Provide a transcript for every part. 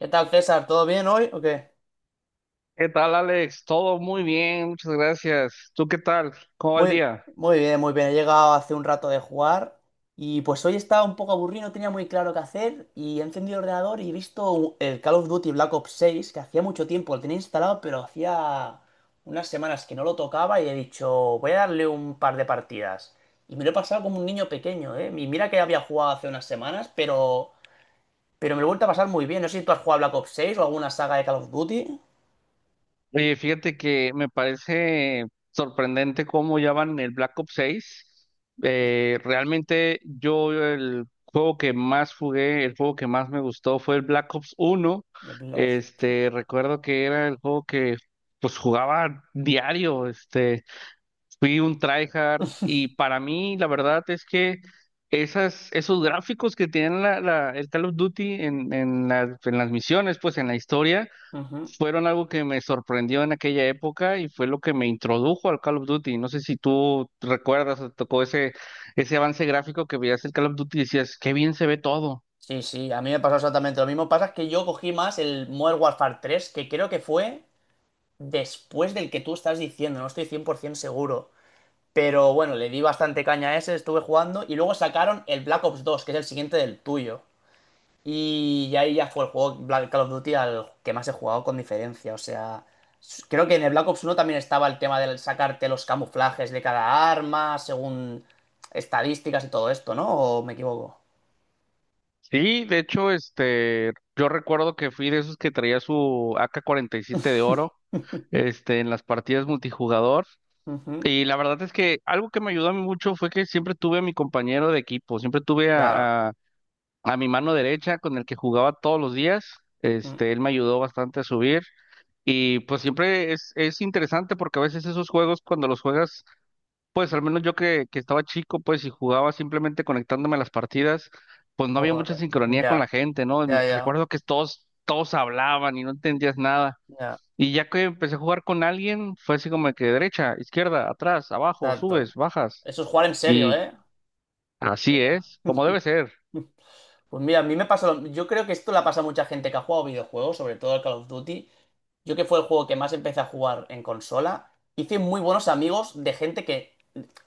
¿Qué tal, César? ¿Todo bien hoy o qué? ¿Qué tal, Alex? Todo muy bien, muchas gracias. ¿Tú qué tal? ¿Cómo va el Muy, día? muy bien, muy bien. He llegado hace un rato de jugar y pues hoy estaba un poco aburrido, no tenía muy claro qué hacer y he encendido el ordenador y he visto el Call of Duty Black Ops 6 que hacía mucho tiempo, lo tenía instalado, pero hacía unas semanas que no lo tocaba y he dicho, voy a darle un par de partidas. Y me lo he pasado como un niño pequeño, ¿eh? Y mira que había jugado hace unas semanas, pero me lo he vuelto a pasar muy bien. No sé si tú has jugado a Black Ops 6 o alguna saga de Call of Duty. Oye, fíjate que me parece sorprendente cómo ya van en el Black Ops 6. Realmente yo el juego que más jugué, el juego que más me gustó fue el Black Ops 1. De Black Ops. Recuerdo que era el juego que pues jugaba diario. Fui un tryhard y para mí la verdad es que esos gráficos que tienen el Call of Duty en en las misiones, pues en la historia, Ujú. fueron algo que me sorprendió en aquella época y fue lo que me introdujo al Call of Duty. No sé si tú recuerdas o te tocó ese avance gráfico que veías el Call of Duty y decías, qué bien se ve todo. Sí, sí, a mí me pasó exactamente lo mismo. Pasa que yo cogí más el Modern Warfare 3, que creo que fue después del que tú estás diciendo, no estoy 100% seguro. Pero bueno, le di bastante caña a ese, estuve jugando y luego sacaron el Black Ops 2, que es el siguiente del tuyo. Y ahí ya fue el juego Black Call of Duty al que más he jugado con diferencia. O sea, creo que en el Black Ops 1 también estaba el tema de sacarte los camuflajes de cada arma, según estadísticas y todo esto, ¿no? ¿O me equivoco? Sí, de hecho, yo recuerdo que fui de esos que traía su AK-47 de oro, en las partidas multijugador. Ujú. Y la verdad es que algo que me ayudó a mí mucho fue que siempre tuve a mi compañero de equipo, siempre tuve Claro. A mi mano derecha con el que jugaba todos los días. Mm. Él me ayudó bastante a subir y pues siempre es interesante porque a veces esos juegos cuando los juegas, pues al menos yo que estaba chico, pues y jugaba simplemente conectándome a las partidas, pues no había mucha Pobre. sincronía con Ya, la gente, ¿no? Ya, ya, Recuerdo que todos hablaban y no entendías nada. ya, Y ya que empecé a jugar con alguien, fue así como que derecha, izquierda, atrás, abajo, subes, exacto. bajas. Eso es jugar en serio, Y ¿eh? así Venga. es, como debe ser. Pues mira, a mí me pasa lo... Yo creo que esto la pasa a mucha gente que ha jugado videojuegos, sobre todo al Call of Duty. Yo que fue el juego que más empecé a jugar en consola, hice muy buenos amigos de gente que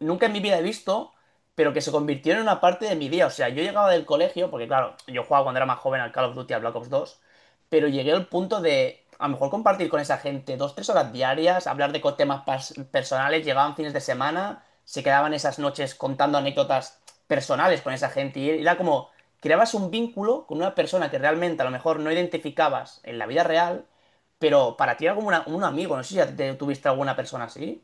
nunca en mi vida he visto, pero que se convirtieron en una parte de mi día. O sea, yo llegaba del colegio, porque claro, yo jugaba cuando era más joven al Call of Duty, al Black Ops 2, pero llegué al punto de a lo mejor compartir con esa gente dos, tres horas diarias, hablar de temas personales, llegaban fines de semana, se quedaban esas noches contando anécdotas personales con esa gente y era como creabas un vínculo con una persona que realmente a lo mejor no identificabas en la vida real, pero para ti era como un amigo, no sé si ya tuviste alguna persona así.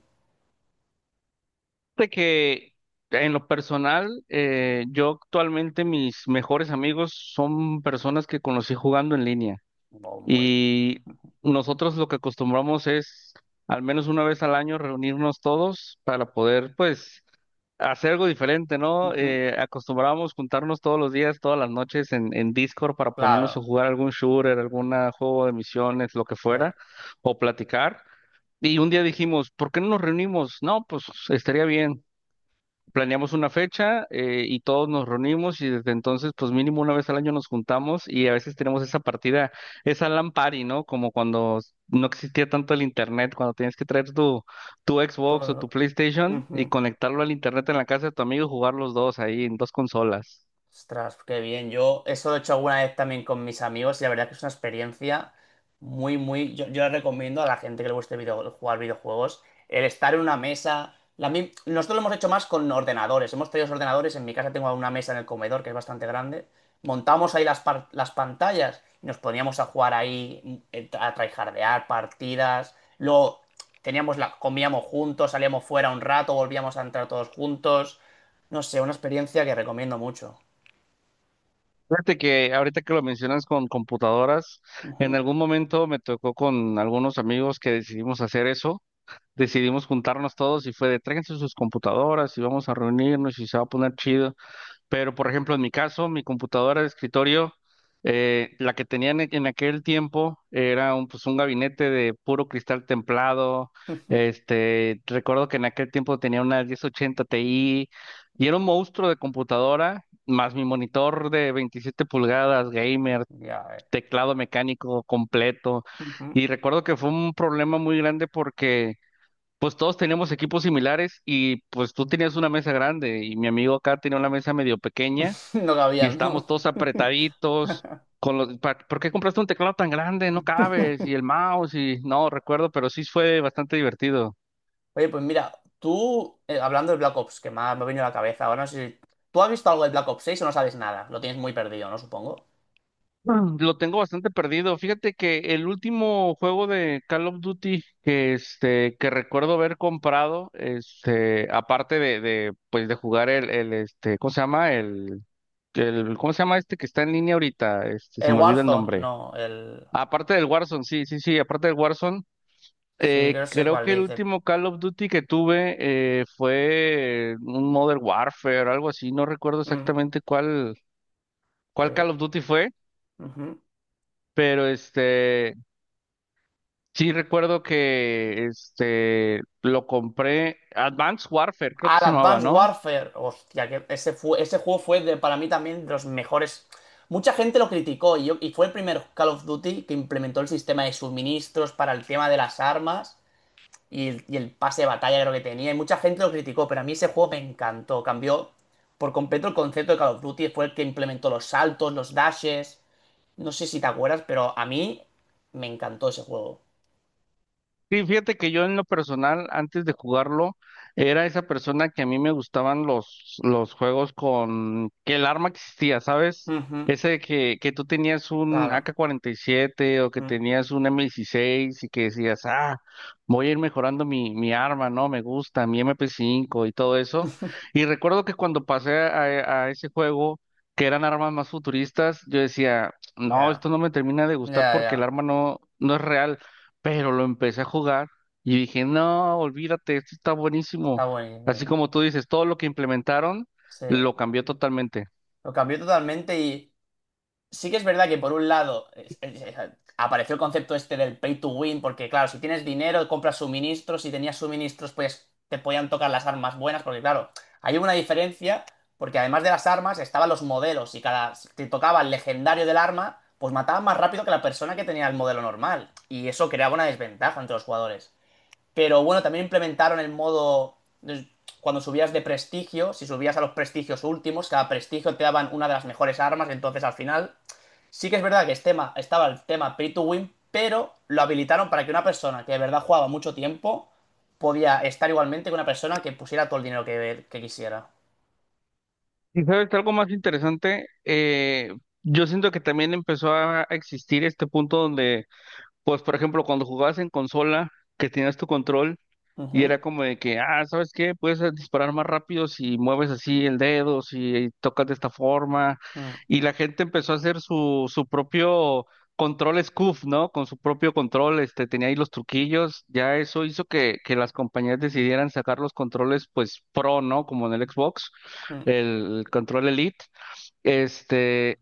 De que en lo personal, yo actualmente mis mejores amigos son personas que conocí jugando en línea. Muy bien. Y nosotros lo que acostumbramos es al menos una vez al año reunirnos todos para poder, pues, hacer algo diferente, ¿no? Ujú. Acostumbrábamos juntarnos todos los días, todas las noches en Discord para ponernos a Claro. jugar algún shooter, algún juego de misiones, lo que eh, fuera, o platicar. Y un día dijimos, ¿por qué no nos reunimos? No, pues estaría bien, planeamos una fecha, y todos nos reunimos y desde entonces pues mínimo una vez al año nos juntamos y a veces tenemos esa partida, esa LAN party, ¿no? Como cuando no existía tanto el internet, cuando tenías que traer tu Xbox o tu todo- PlayStation y Ujú. conectarlo al internet en la casa de tu amigo y jugar los dos ahí en dos consolas. Ostras, qué bien. Yo eso lo he hecho alguna vez también con mis amigos y la verdad que es una experiencia muy, muy. Yo la recomiendo a la gente que le guste jugar videojuegos, el estar en una mesa. Nosotros lo hemos hecho más con ordenadores. Hemos traído los ordenadores. En mi casa tengo una mesa en el comedor que es bastante grande. Montamos ahí las pantallas y nos poníamos a jugar ahí, a tryhardear partidas. Luego comíamos juntos, salíamos fuera un rato, volvíamos a entrar todos juntos. No sé, una experiencia que recomiendo mucho. Fíjate que ahorita que lo mencionas con computadoras, en Ujú. algún momento me tocó con algunos amigos que decidimos hacer eso, decidimos juntarnos todos y fue de tráiganse sus computadoras y vamos a reunirnos y se va a poner chido. Pero, por ejemplo, en mi caso, mi computadora de escritorio, la que tenían en aquel tiempo, era pues, un gabinete de puro cristal templado. Recuerdo que en aquel tiempo tenía una 1080 Ti y era un monstruo de computadora, más mi monitor de 27 pulgadas, gamer, Ya ves. teclado mecánico completo. Ujú. Y recuerdo que fue un problema muy grande porque pues todos teníamos equipos similares y pues tú tenías una mesa grande y mi amigo acá tenía una mesa medio pequeña No y cabían, estábamos ¿no? todos apretaditos con ¿por qué compraste un teclado tan grande? No cabes y el mouse y no recuerdo, pero sí fue bastante divertido. Oye, pues mira, tú, hablando de Black Ops, que me ha venido a la cabeza, ahora no sé si. ¿Tú has visto algo de Black Ops 6 o no sabes nada? Lo tienes muy perdido, ¿no? Supongo. Mm, lo tengo bastante perdido. Fíjate que el último juego de Call of Duty que recuerdo haber comprado, aparte de pues de jugar ¿cómo se llama? ¿Cómo se llama este que está en línea ahorita? El Se me olvida el Warzone, nombre. no, el. Aparte del Warzone, sí, sí, sí, aparte del Warzone, Sí, yo sé creo cuál que el dice. último Call of Duty que tuve, fue un Modern Warfare, algo así, no recuerdo Mm, exactamente cuál Call sí. of Duty fue. Ujú. Pero sí, recuerdo que este lo compré, Advanced Warfare, creo Ah, que el se llamaba, Advanced ¿no? Warfare. Hostia, que ese juego para mí también de los mejores. Mucha gente lo criticó y fue el primer Call of Duty que implementó el sistema de suministros para el tema de las armas. Y el pase de batalla creo que tenía. Y mucha gente lo criticó, pero a mí ese juego me encantó. Cambió por completo el concepto de Call of Duty. Fue el que implementó los saltos, los dashes. No sé si te acuerdas, pero a mí me encantó ese juego. Sí, fíjate que yo en lo personal, antes de jugarlo, era esa persona que a mí me gustaban los juegos con que el arma existía, ¿sabes? Ujú, Ese que tú tenías un claro. AK-47 o que Mm. tenías un M16 y que decías, ah, voy a ir mejorando mi arma, ¿no? Me gusta, mi MP5 y todo eso. Y recuerdo que cuando pasé a ese juego, que eran armas más futuristas, yo decía, no, Ya, esto no me termina de gustar ya, porque el ya. arma no es real. Pero lo empecé a jugar y dije, no, olvídate, esto está buenísimo. Está Así buenísimo. como tú dices, todo lo que implementaron Sí. lo cambió totalmente. Lo cambió totalmente. Y sí que es verdad que por un lado apareció el concepto este del pay to win, porque claro, si tienes dinero, compras suministros, si tenías suministros, pues te podían tocar las armas buenas, porque claro, hay una diferencia, porque además de las armas estaban los modelos, y cada si te tocaba el legendario del arma, pues mataba más rápido que la persona que tenía el modelo normal, y eso creaba una desventaja entre los jugadores. Pero bueno, también implementaron el modo, eh, cuando subías de prestigio, si subías a los prestigios últimos, cada prestigio te daban una de las mejores armas, entonces al final. Sí que es verdad que este tema, estaba el tema Pay to Win, pero lo habilitaron para que una persona que de verdad jugaba mucho tiempo podía estar igualmente que una persona que pusiera todo el dinero que quisiera. Y sabes, algo más interesante, yo siento que también empezó a existir este punto donde, pues, por ejemplo, cuando jugabas en consola, que tenías tu control. Y Ujú, era como de que, ah, ¿sabes qué? Puedes, disparar más rápido si mueves así el dedo, si tocas de esta forma. mm, Y la gente empezó a hacer su propio control scoof, ¿no? Con su propio control, tenía ahí los truquillos. Ya eso hizo que las compañías decidieran sacar los controles, pues, pro, ¿no? Como en el Xbox, mm. el control Elite. Este,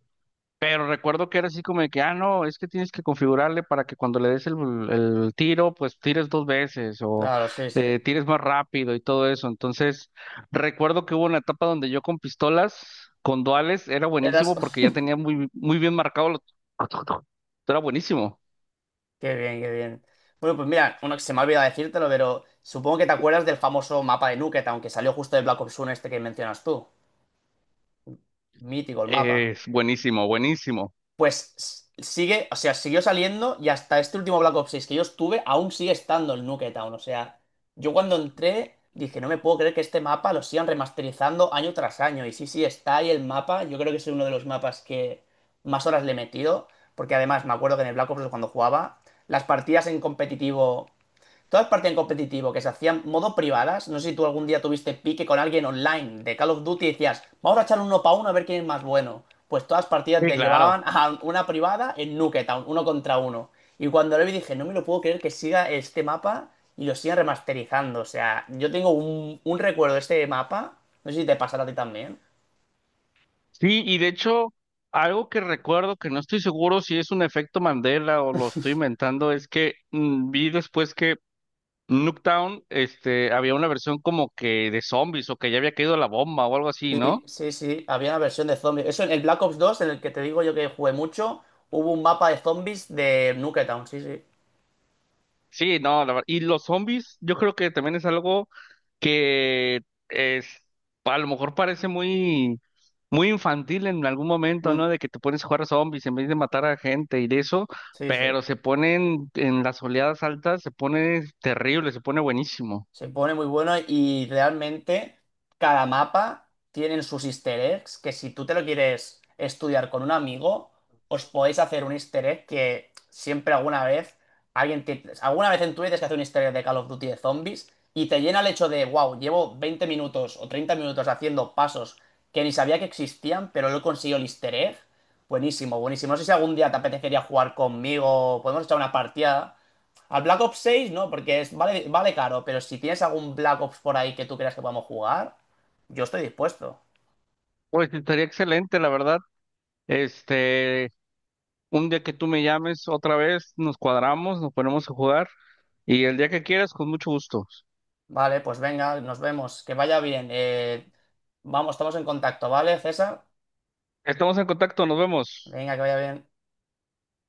Recuerdo que era así como de que, ah, no, es que tienes que configurarle para que cuando le des el tiro, pues tires dos veces o Claro, sí, sí. Tires más rápido y todo eso. Entonces, recuerdo que hubo una etapa donde yo con pistolas, con duales, era Eras. buenísimo porque ya tenía muy bien marcado los... Era buenísimo. Qué bien, qué bien. Bueno, pues mira, uno que se me ha olvidado decírtelo, pero supongo que te acuerdas del famoso mapa de Nuket, aunque salió justo de Black Ops 1 este que mencionas tú. Mítico el mapa. Es buenísimo, buenísimo. Pues sigue, o sea, siguió saliendo y hasta este último Black Ops 6 que yo estuve, aún sigue estando el Nuketown. O sea, yo cuando entré dije, no me puedo creer que este mapa lo sigan remasterizando año tras año. Y sí, sí, está ahí el mapa. Yo creo que es uno de los mapas que más horas le he metido. Porque además me acuerdo que en el Black Ops cuando jugaba, las partidas en competitivo. Todas partían competitivo, que se hacían modo privadas. No sé si tú algún día tuviste pique con alguien online de Call of Duty y decías, vamos a echar uno para uno a ver quién es más bueno. Pues todas partidas Sí, claro. derivaban a una privada en Nuketown, uno contra uno. Y cuando lo vi dije, no me lo puedo creer que siga este mapa y lo sigan remasterizando. O sea, yo tengo un recuerdo de este mapa, no sé si te pasará a ti también. Sí, y de hecho, algo que recuerdo que no estoy seguro si es un efecto Mandela o lo estoy inventando, es que vi después que Nuketown, había una versión como que de zombies o que ya había caído la bomba o algo así, Sí, ¿no? sí, sí, había una versión de zombies. Eso en el Black Ops 2 en el que te digo yo que jugué mucho, hubo un mapa de zombies de Nuketown, sí, sí. Sí, no, la ver- y los zombies, yo creo que también es algo que es, a lo mejor parece muy, muy infantil en algún momento, Mm, ¿no? De que te pones a jugar a zombies en vez de matar a gente y de eso, sí, sí. pero se ponen en las oleadas altas, se pone terrible, se pone buenísimo. Se pone muy bueno y realmente cada mapa tiene sus easter eggs que si tú te lo quieres estudiar con un amigo, os podéis hacer un easter egg que siempre alguna vez alguna vez en tu vida tienes que hacer un easter egg de Call of Duty de zombies y te llena el hecho de, wow, llevo 20 minutos o 30 minutos haciendo pasos que ni sabía que existían, pero no he conseguido el easter egg. Buenísimo, buenísimo. No sé si algún día te apetecería jugar conmigo, podemos echar una partida. Al Black Ops 6 no, porque es, vale, vale caro, pero si tienes algún Black Ops por ahí que tú creas que podamos jugar, yo estoy dispuesto. Pues estaría excelente, la verdad. Este, Un día que tú me llames otra vez, nos cuadramos, nos ponemos a jugar y el día que quieras, con mucho gusto. Vale, pues venga, nos vemos. Que vaya bien. Vamos, estamos en contacto, ¿vale, César? Estamos en contacto, nos vemos. Venga, que vaya bien.